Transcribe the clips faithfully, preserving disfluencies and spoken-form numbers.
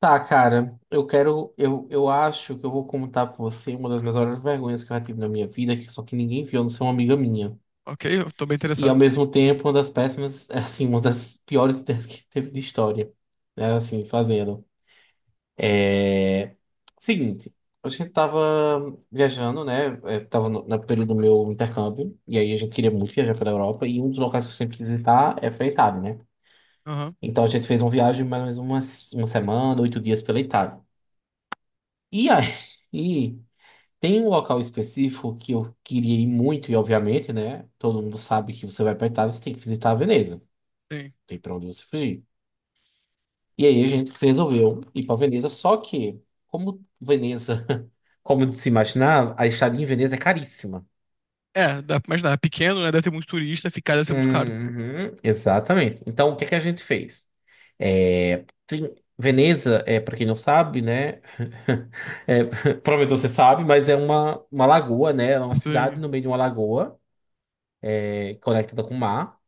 Tá, cara, eu quero. Eu, eu acho que eu vou contar pra você uma das minhas maiores vergonhas que eu já tive na minha vida, que só que ninguém viu, a não ser uma amiga minha. Ok, eu tô bem E interessado. ao mesmo tempo, uma das péssimas, assim, uma das piores ideias que teve de história, né? Assim, fazendo. É, Seguinte, a gente tava viajando, né? Eu tava no, no período do meu intercâmbio, e aí a gente queria muito viajar pela Europa, e um dos locais que eu sempre quis visitar é pra Itália, né? Aham, Então a gente fez uma viagem mais ou menos uma, uma semana, oito dias pela Itália. E aí. Tem um local específico que eu queria ir muito, e obviamente, né? Todo mundo sabe que você vai pra Itália, você tem que visitar a Veneza. Não sim. tem pra onde você fugir. E aí a gente resolveu ir pra Veneza, só que, como Veneza, como se imaginar, a estadia em Veneza é caríssima. É, dá pra imaginar. É pequeno, né? Deve ter muito turista, ficar deve ser muito caro. Uhum, exatamente. Então, o que é que a gente fez? É, tem- Veneza, é, para quem não sabe, né? é, provavelmente você sabe, mas é uma, uma lagoa, né? É uma cidade Sim. no meio de uma lagoa, é, conectada com o mar.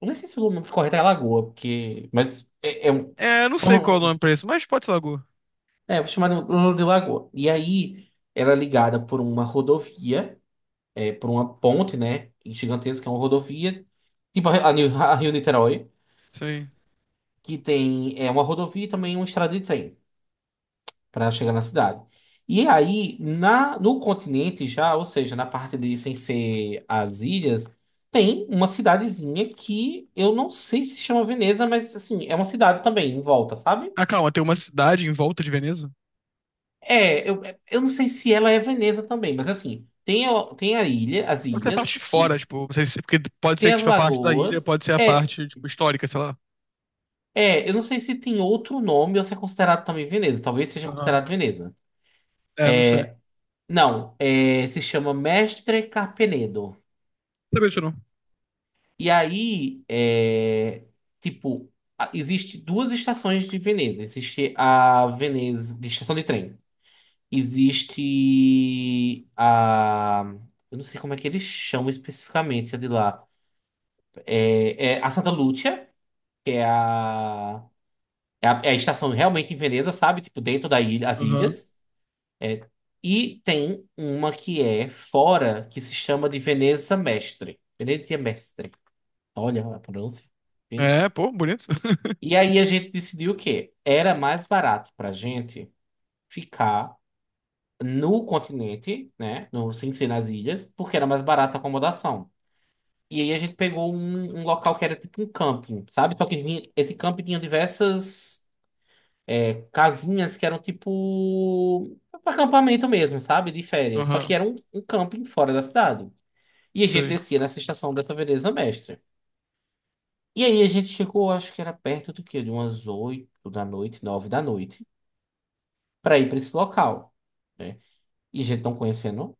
Não sei se o nome correto é lagoa, porque. Mas é, é um. É, não foi sei qual é o uma- nome pra isso, mas pode ser lagoa. É, vou chamar de de lagoa. E aí, ela é ligada por uma rodovia, é, por uma ponte, né? Gigantesca, é uma rodovia. Tipo a Rio, a Rio Niterói, Sim. que tem é, uma rodovia e também uma estrada de trem para chegar na cidade. E aí, na, no continente já, ou seja, na parte de sem ser as ilhas, tem uma cidadezinha que eu não sei se chama Veneza, mas assim, é uma cidade também em volta, sabe? Ah, calma, tem uma cidade em volta de Veneza? É, eu, eu não sei se ela é Veneza também, mas assim, tem, o- tem a ilha, as Pode ser a parte ilhas, de fora, que tipo, não sei se- porque pode tem ser as tipo, a parte da ilha, lagoas. pode ser a É, parte, tipo, histórica, sei lá. é, eu não sei se tem outro nome ou se é considerado também Veneza. Talvez seja considerado Aham. Veneza. É, não sei. Não Não, é, se chama Mestre Carpenedo. sabia disso não. E aí, é, tipo, a- existe duas estações de Veneza. Existe a Veneza, de estação de trem. Existe a... Eu não sei como é que eles chamam especificamente a de lá. É, é a Santa Lúcia, que é a, é a, é a estação realmente em Veneza, sabe? Tipo, dentro da ilha, as Aham. ilhas. É, e tem uma que é fora, que se chama de Veneza Mestre. Venezia Mestre. Olha a pronúncia. Fino. É, pô, bonito. E aí a gente decidiu o quê? Era mais barato pra gente ficar no continente, né? No, sem ser nas ilhas, porque era mais barata a acomodação. E aí a gente pegou um, um local que era tipo um camping, sabe? Só que vinha, esse camping tinha diversas é, casinhas que eram tipo acampamento mesmo, sabe? De férias. Só que Aham, era um, um camping fora da cidade. E a gente sei. descia nessa estação dessa Veneza Mestra. E aí a gente chegou, acho que era perto do quê? De umas oito da noite, nove da noite, para ir para esse local, né? E a gente não conhecendo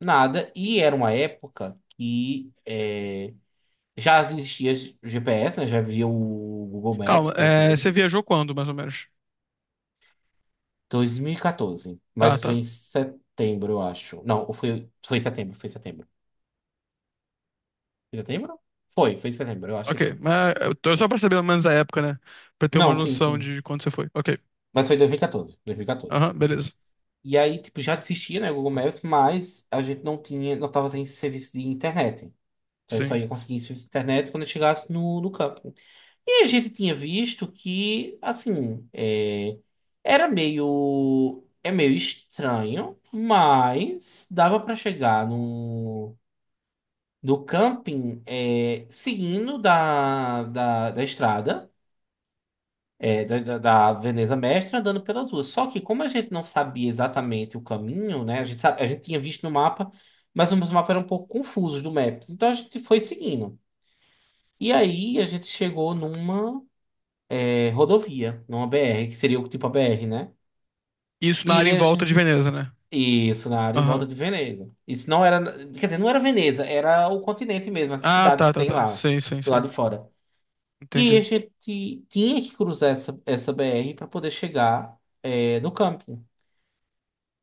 nada. E era uma época que... é, já existia G- GPS, né? Já havia o Google Calma, Maps, é, você tranquilo. viajou quando, mais ou menos? dois mil e quatorze. Tá, Mas foi tá. em setembro, eu acho. Não, ou foi, foi em setembro, foi em setembro. Foi em setembro? Foi, foi em setembro, eu acho que Ok, sim. mas eu tô só pra saber mais ou menos a época, né? Pra ter uma Não, sim, noção sim. de quando você foi. Ok. Mas foi em dois mil e quatorze, dois mil e quatorze. E quatorze, dois mil e quatorze. Aham, beleza. E aí, tipo, já existia, né, o Google Maps, mas a gente não tinha, não tava sem serviço de internet. Então a gente só Sim. ia conseguir serviço de internet quando a gente chegasse no, no campo. E a gente tinha visto que, assim, é, era meio, é meio estranho, mas dava para chegar no, no camping é, seguindo da, da, da estrada, é, da, da, da Veneza Mestra, andando pelas ruas. Só que como a gente não sabia exatamente o caminho, né? A gente, sabe- a gente tinha visto no mapa, mas os mapas eram um pouco confusos do Maps. Então a gente foi seguindo. E aí a gente chegou numa. É, rodovia, numa B R, que seria o tipo a B R, né? Isso na E área em esse, volta de Veneza, né? isso, na área em volta Aham. de Veneza. Isso não era, quer dizer, não era Veneza, era o continente mesmo, essa Ah, cidade tá, que tá, tem tá. lá, Sim, sim, do sim. lado de fora. E aí a Entendi. gente tinha que cruzar essa, essa B R para poder chegar é, no camping.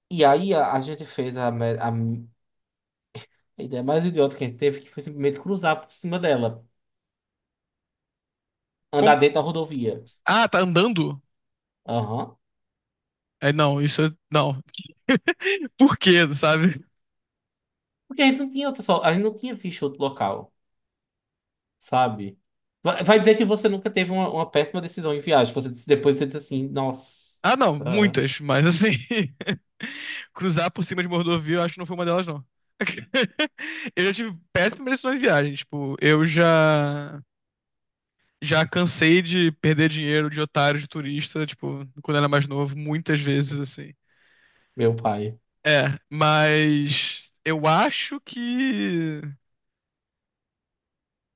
E aí a, a gente fez a, me- a, a ideia mais idiota que a gente teve, que foi simplesmente cruzar por cima dela, andar Como- dentro da rodovia. Ah, tá andando? Aham. É, não, isso é... Não. Por quê, sabe? Porque a gente não tinha outra, só, a gente não tinha visto outro local. Sabe? Vai vai dizer que você nunca teve uma, uma péssima decisão em viagem. Você disse- depois você diz assim, nossa, Ah, não, muitas, mas assim... Cruzar por cima de uma rodovia, eu acho que não foi uma delas, não. Eu já tive péssimas decisões de viagem. Tipo, eu já... Já cansei de perder dinheiro de otário, de turista, tipo, quando era mais novo, muitas vezes, assim. meu pai. É, mas eu acho que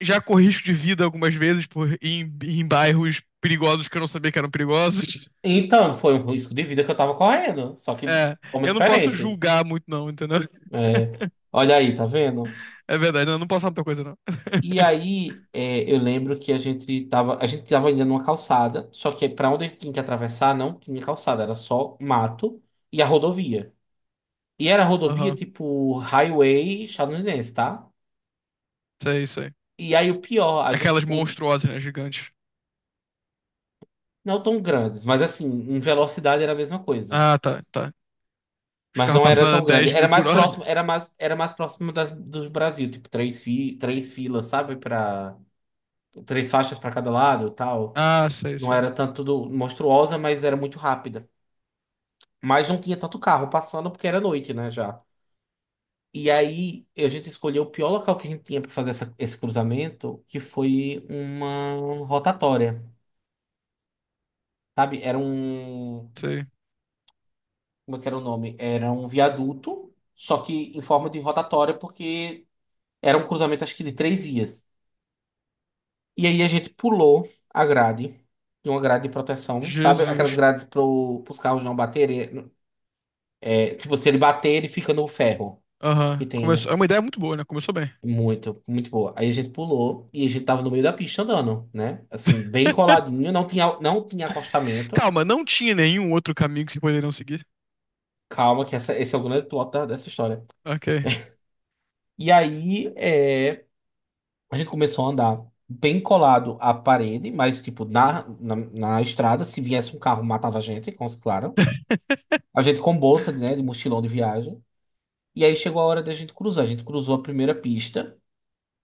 já corri risco de vida algumas vezes por ir em, ir em bairros perigosos que eu não sabia que eram perigosos. Então, foi um risco de vida que eu tava correndo, só que de É, forma eu não posso diferente. julgar muito não, entendeu? É, olha aí, tá vendo? É verdade, eu não posso falar muita coisa não. E aí, é, eu lembro que a gente tava, a gente tava indo numa calçada, só que pra onde a gente tinha que atravessar não tinha calçada, era só mato e a rodovia. E era rodovia Aham, tipo highway estadunidense, tá? sei, sei. E aí o pior, a gente, Aquelas monstruosas, né, gigantes. não tão grandes, mas assim, em velocidade era a mesma coisa. Ah, tá, tá. Os Mas carros não era passando a tão grande. dez mil Era por mais hora. próximo, era mais, era mais próximo das, do Brasil, tipo, três, fi, três filas, sabe? Para três faixas para cada lado, e tal. Ah, sei, Não sei, era tanto do- monstruosa, mas era muito rápida. Mas não tinha tanto carro passando porque era noite, né, já. E aí a gente escolheu o pior local que a gente tinha para fazer essa- esse cruzamento, que foi uma rotatória, sabe? Era um sei. como é que era o nome? Era um viaduto, só que em forma de rotatória, porque era um cruzamento, acho que de três vias. E aí a gente pulou a grade, de uma grade de proteção, sabe? Aquelas Jesus. grades para os carros não baterem. É, tipo, se ele bater, ele fica no ferro. Aham, Que tem, né? começou. É uma ideia muito boa, né? Começou bem. Muito, muito boa. Aí a gente pulou e a gente tava no meio da pista andando, né? Assim, bem coladinho, não tinha, não tinha acostamento. Calma, não tinha nenhum outro caminho que vocês poderiam seguir? Calma, que essa, esse é o grande plot da- dessa história. Ok. E aí, é. A gente começou a andar bem colado à parede, mas, tipo, na, na, na estrada, se viesse um carro, matava a gente, com- claro. A gente com bolsa, né, de mochilão de viagem. E aí chegou a hora da gente cruzar. A gente cruzou a primeira pista,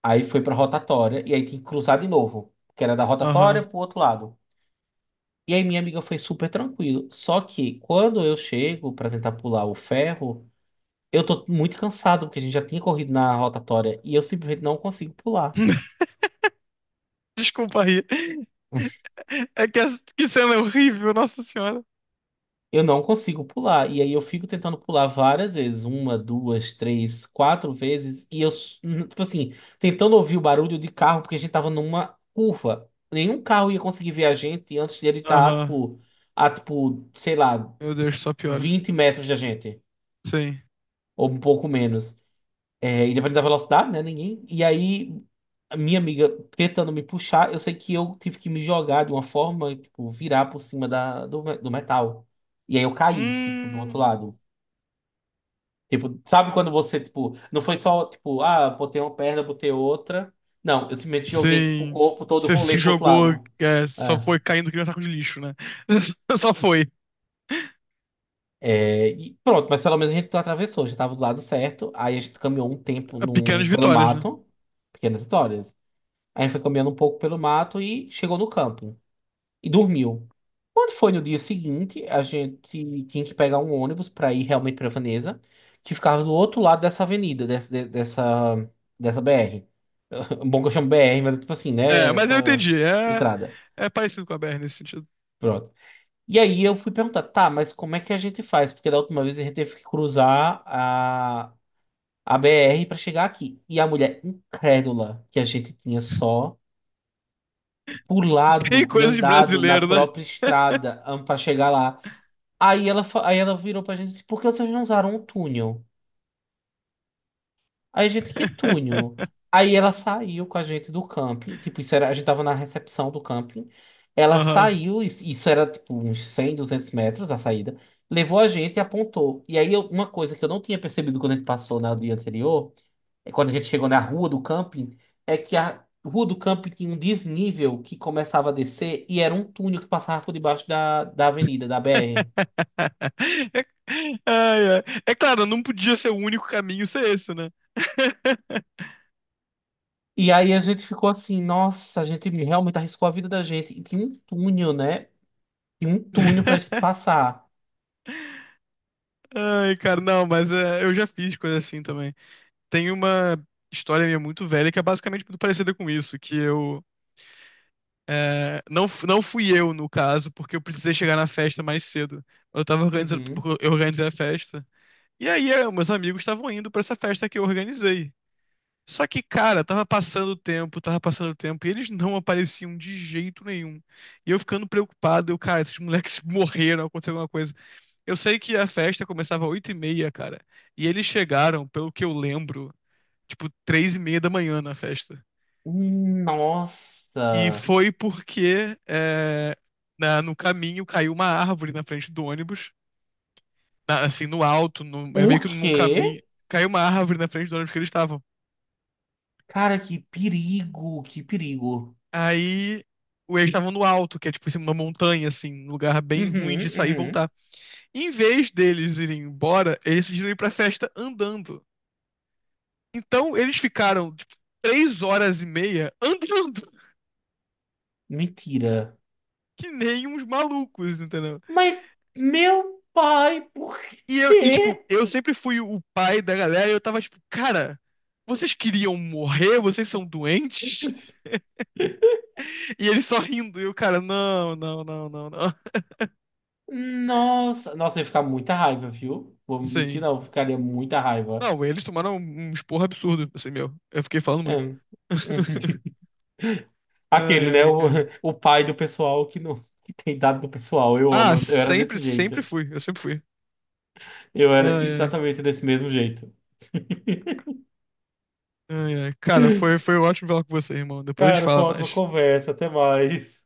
aí foi pra rotatória, e aí tinha que cruzar de novo, que era da rotatória Aham. pro outro lado. E aí minha amiga foi super tranquilo. Só que quando eu chego pra tentar pular o ferro, eu tô muito cansado, porque a gente já tinha corrido na rotatória, e eu simplesmente não consigo pular. Desculpa aí. É que, essa- que cena é horrível, Nossa Senhora. Eu não consigo pular. E aí eu fico tentando pular várias vezes, uma, duas, três, quatro vezes, e eu, s- n- tipo assim, tentando ouvir o barulho de carro, porque a gente tava numa curva. Nenhum carro ia conseguir ver a gente antes de ele estar, Aham. tipo, a, tipo, sei lá, Meu Deus, só piora. vinte metros da gente, Sim. ou um pouco menos. É, e dependendo da velocidade, né? Ninguém. E aí, a minha amiga tentando me puxar, eu sei que eu tive que me jogar de uma forma, tipo, virar por cima da, do, do metal. E aí eu caí, tipo, do outro Hum, lado. Tipo, sabe quando você, tipo, não foi só, tipo, ah, botei uma perna, botei outra. Não, eu simplesmente joguei, tipo, o sim. corpo todo, Você se rolei pro outro jogou, lado. é, só Ah, foi caindo que nem um saco de lixo, né? Só foi. É, e pronto, mas pelo menos a gente atravessou, já tava do lado certo. Aí a gente caminhou um tempo Pequenas num, pelo vitórias, né? mato, pequenas histórias. Aí foi caminhando um pouco pelo mato e chegou no campo e dormiu. Quando foi no dia seguinte, a gente tinha que pegar um ônibus para ir realmente para Veneza, que ficava do outro lado dessa avenida, dessa, de- dessa, dessa B R. Um Bom que eu chamo B R, mas é tipo assim, É, né? mas eu Essa entendi. É, estrada. é parecido com a B R nesse sentido. Pronto. E aí eu fui perguntar, tá, mas como é que a gente faz? Porque da última vez a gente teve que cruzar a, a B R para chegar aqui. E a mulher incrédula que a gente tinha só Bem pulado e coisa de andado na brasileiro, né? própria estrada para chegar lá. Aí ela, fa- aí ela virou pra gente e disse, por que vocês não usaram o túnel? Aí, a gente, que túnel. Aí ela saiu com a gente do camping. Tipo, isso era, a gente tava na recepção do camping. Ela Aham. saiu, isso isso era tipo uns cem duzentos metros a saída. Levou a gente e apontou. E aí, eu- uma coisa que eu não tinha percebido quando a gente passou no dia anterior, é quando a gente chegou na rua do camping, é que a rua do camping tinha um desnível que começava a descer e era um túnel que passava por debaixo da, da avenida, da B R. Ai, ai. É claro, não podia ser o único caminho ser esse, né? E aí a gente ficou assim, nossa, a gente realmente arriscou a vida da gente. E tinha um túnel, né? E um túnel pra gente passar. Ai, cara, não, mas é, eu já fiz coisa assim também. Tem uma história minha muito velha que é basicamente muito parecida com isso, que eu é, não f- não fui eu no caso, porque eu precisei chegar na festa mais cedo. Eu tava organizando, Uhum. porque eu organizei a festa. E aí, é, meus amigos estavam indo pra essa festa que eu organizei. Só que, cara, tava passando o tempo, tava passando o tempo, e eles não apareciam de jeito nenhum. E eu ficando preocupado, eu, cara, esses moleques morreram, aconteceu alguma coisa. Eu sei que a festa começava às oito e meia, cara. E eles chegaram, pelo que eu lembro, tipo, três e meia da manhã na festa. E Nossa! foi porque é, na- no caminho caiu uma árvore na frente do ônibus. Na- assim, no alto, no- O é meio que num quê? caminho. Caiu uma árvore na frente do ônibus que eles estavam. Cara, que perigo, que perigo. Aí o- eles estavam no alto, que é tipo em cima de uma montanha, assim, um lugar bem ruim de Uhum, sair e uhum. voltar. Em vez deles irem embora, eles decidiram ir pra festa andando. Então eles ficaram, tipo, três horas e meia andando Mentira. que nem uns malucos, entendeu? Mas, meu pai, por E, eu, e, tipo, quê? eu sempre fui o pai da galera e eu tava tipo, cara, vocês queriam morrer? Vocês são doentes? E eles só rindo. E o cara, não, não, não, não, não. Nossa, nossa, eu ia ficar muita raiva, viu? Vou mentir, Sim. não, eu ficaria muita raiva. Não, eles tomaram um um esporro absurdo, assim, meu. Eu fiquei falando É. muito. Uhum. Ai, Aquele, né? ai, O, cara. o pai do pessoal que não que tem dado do pessoal. Eu Ah, amo, eu era sempre, desse sempre jeito. fui. Eu sempre fui. Eu Ai, era ai. exatamente desse mesmo jeito. Ai, ai. Cara, foi, foi ótimo falar com você, irmão. Depois a gente Cara, foi fala uma ótima mais. conversa. Até mais.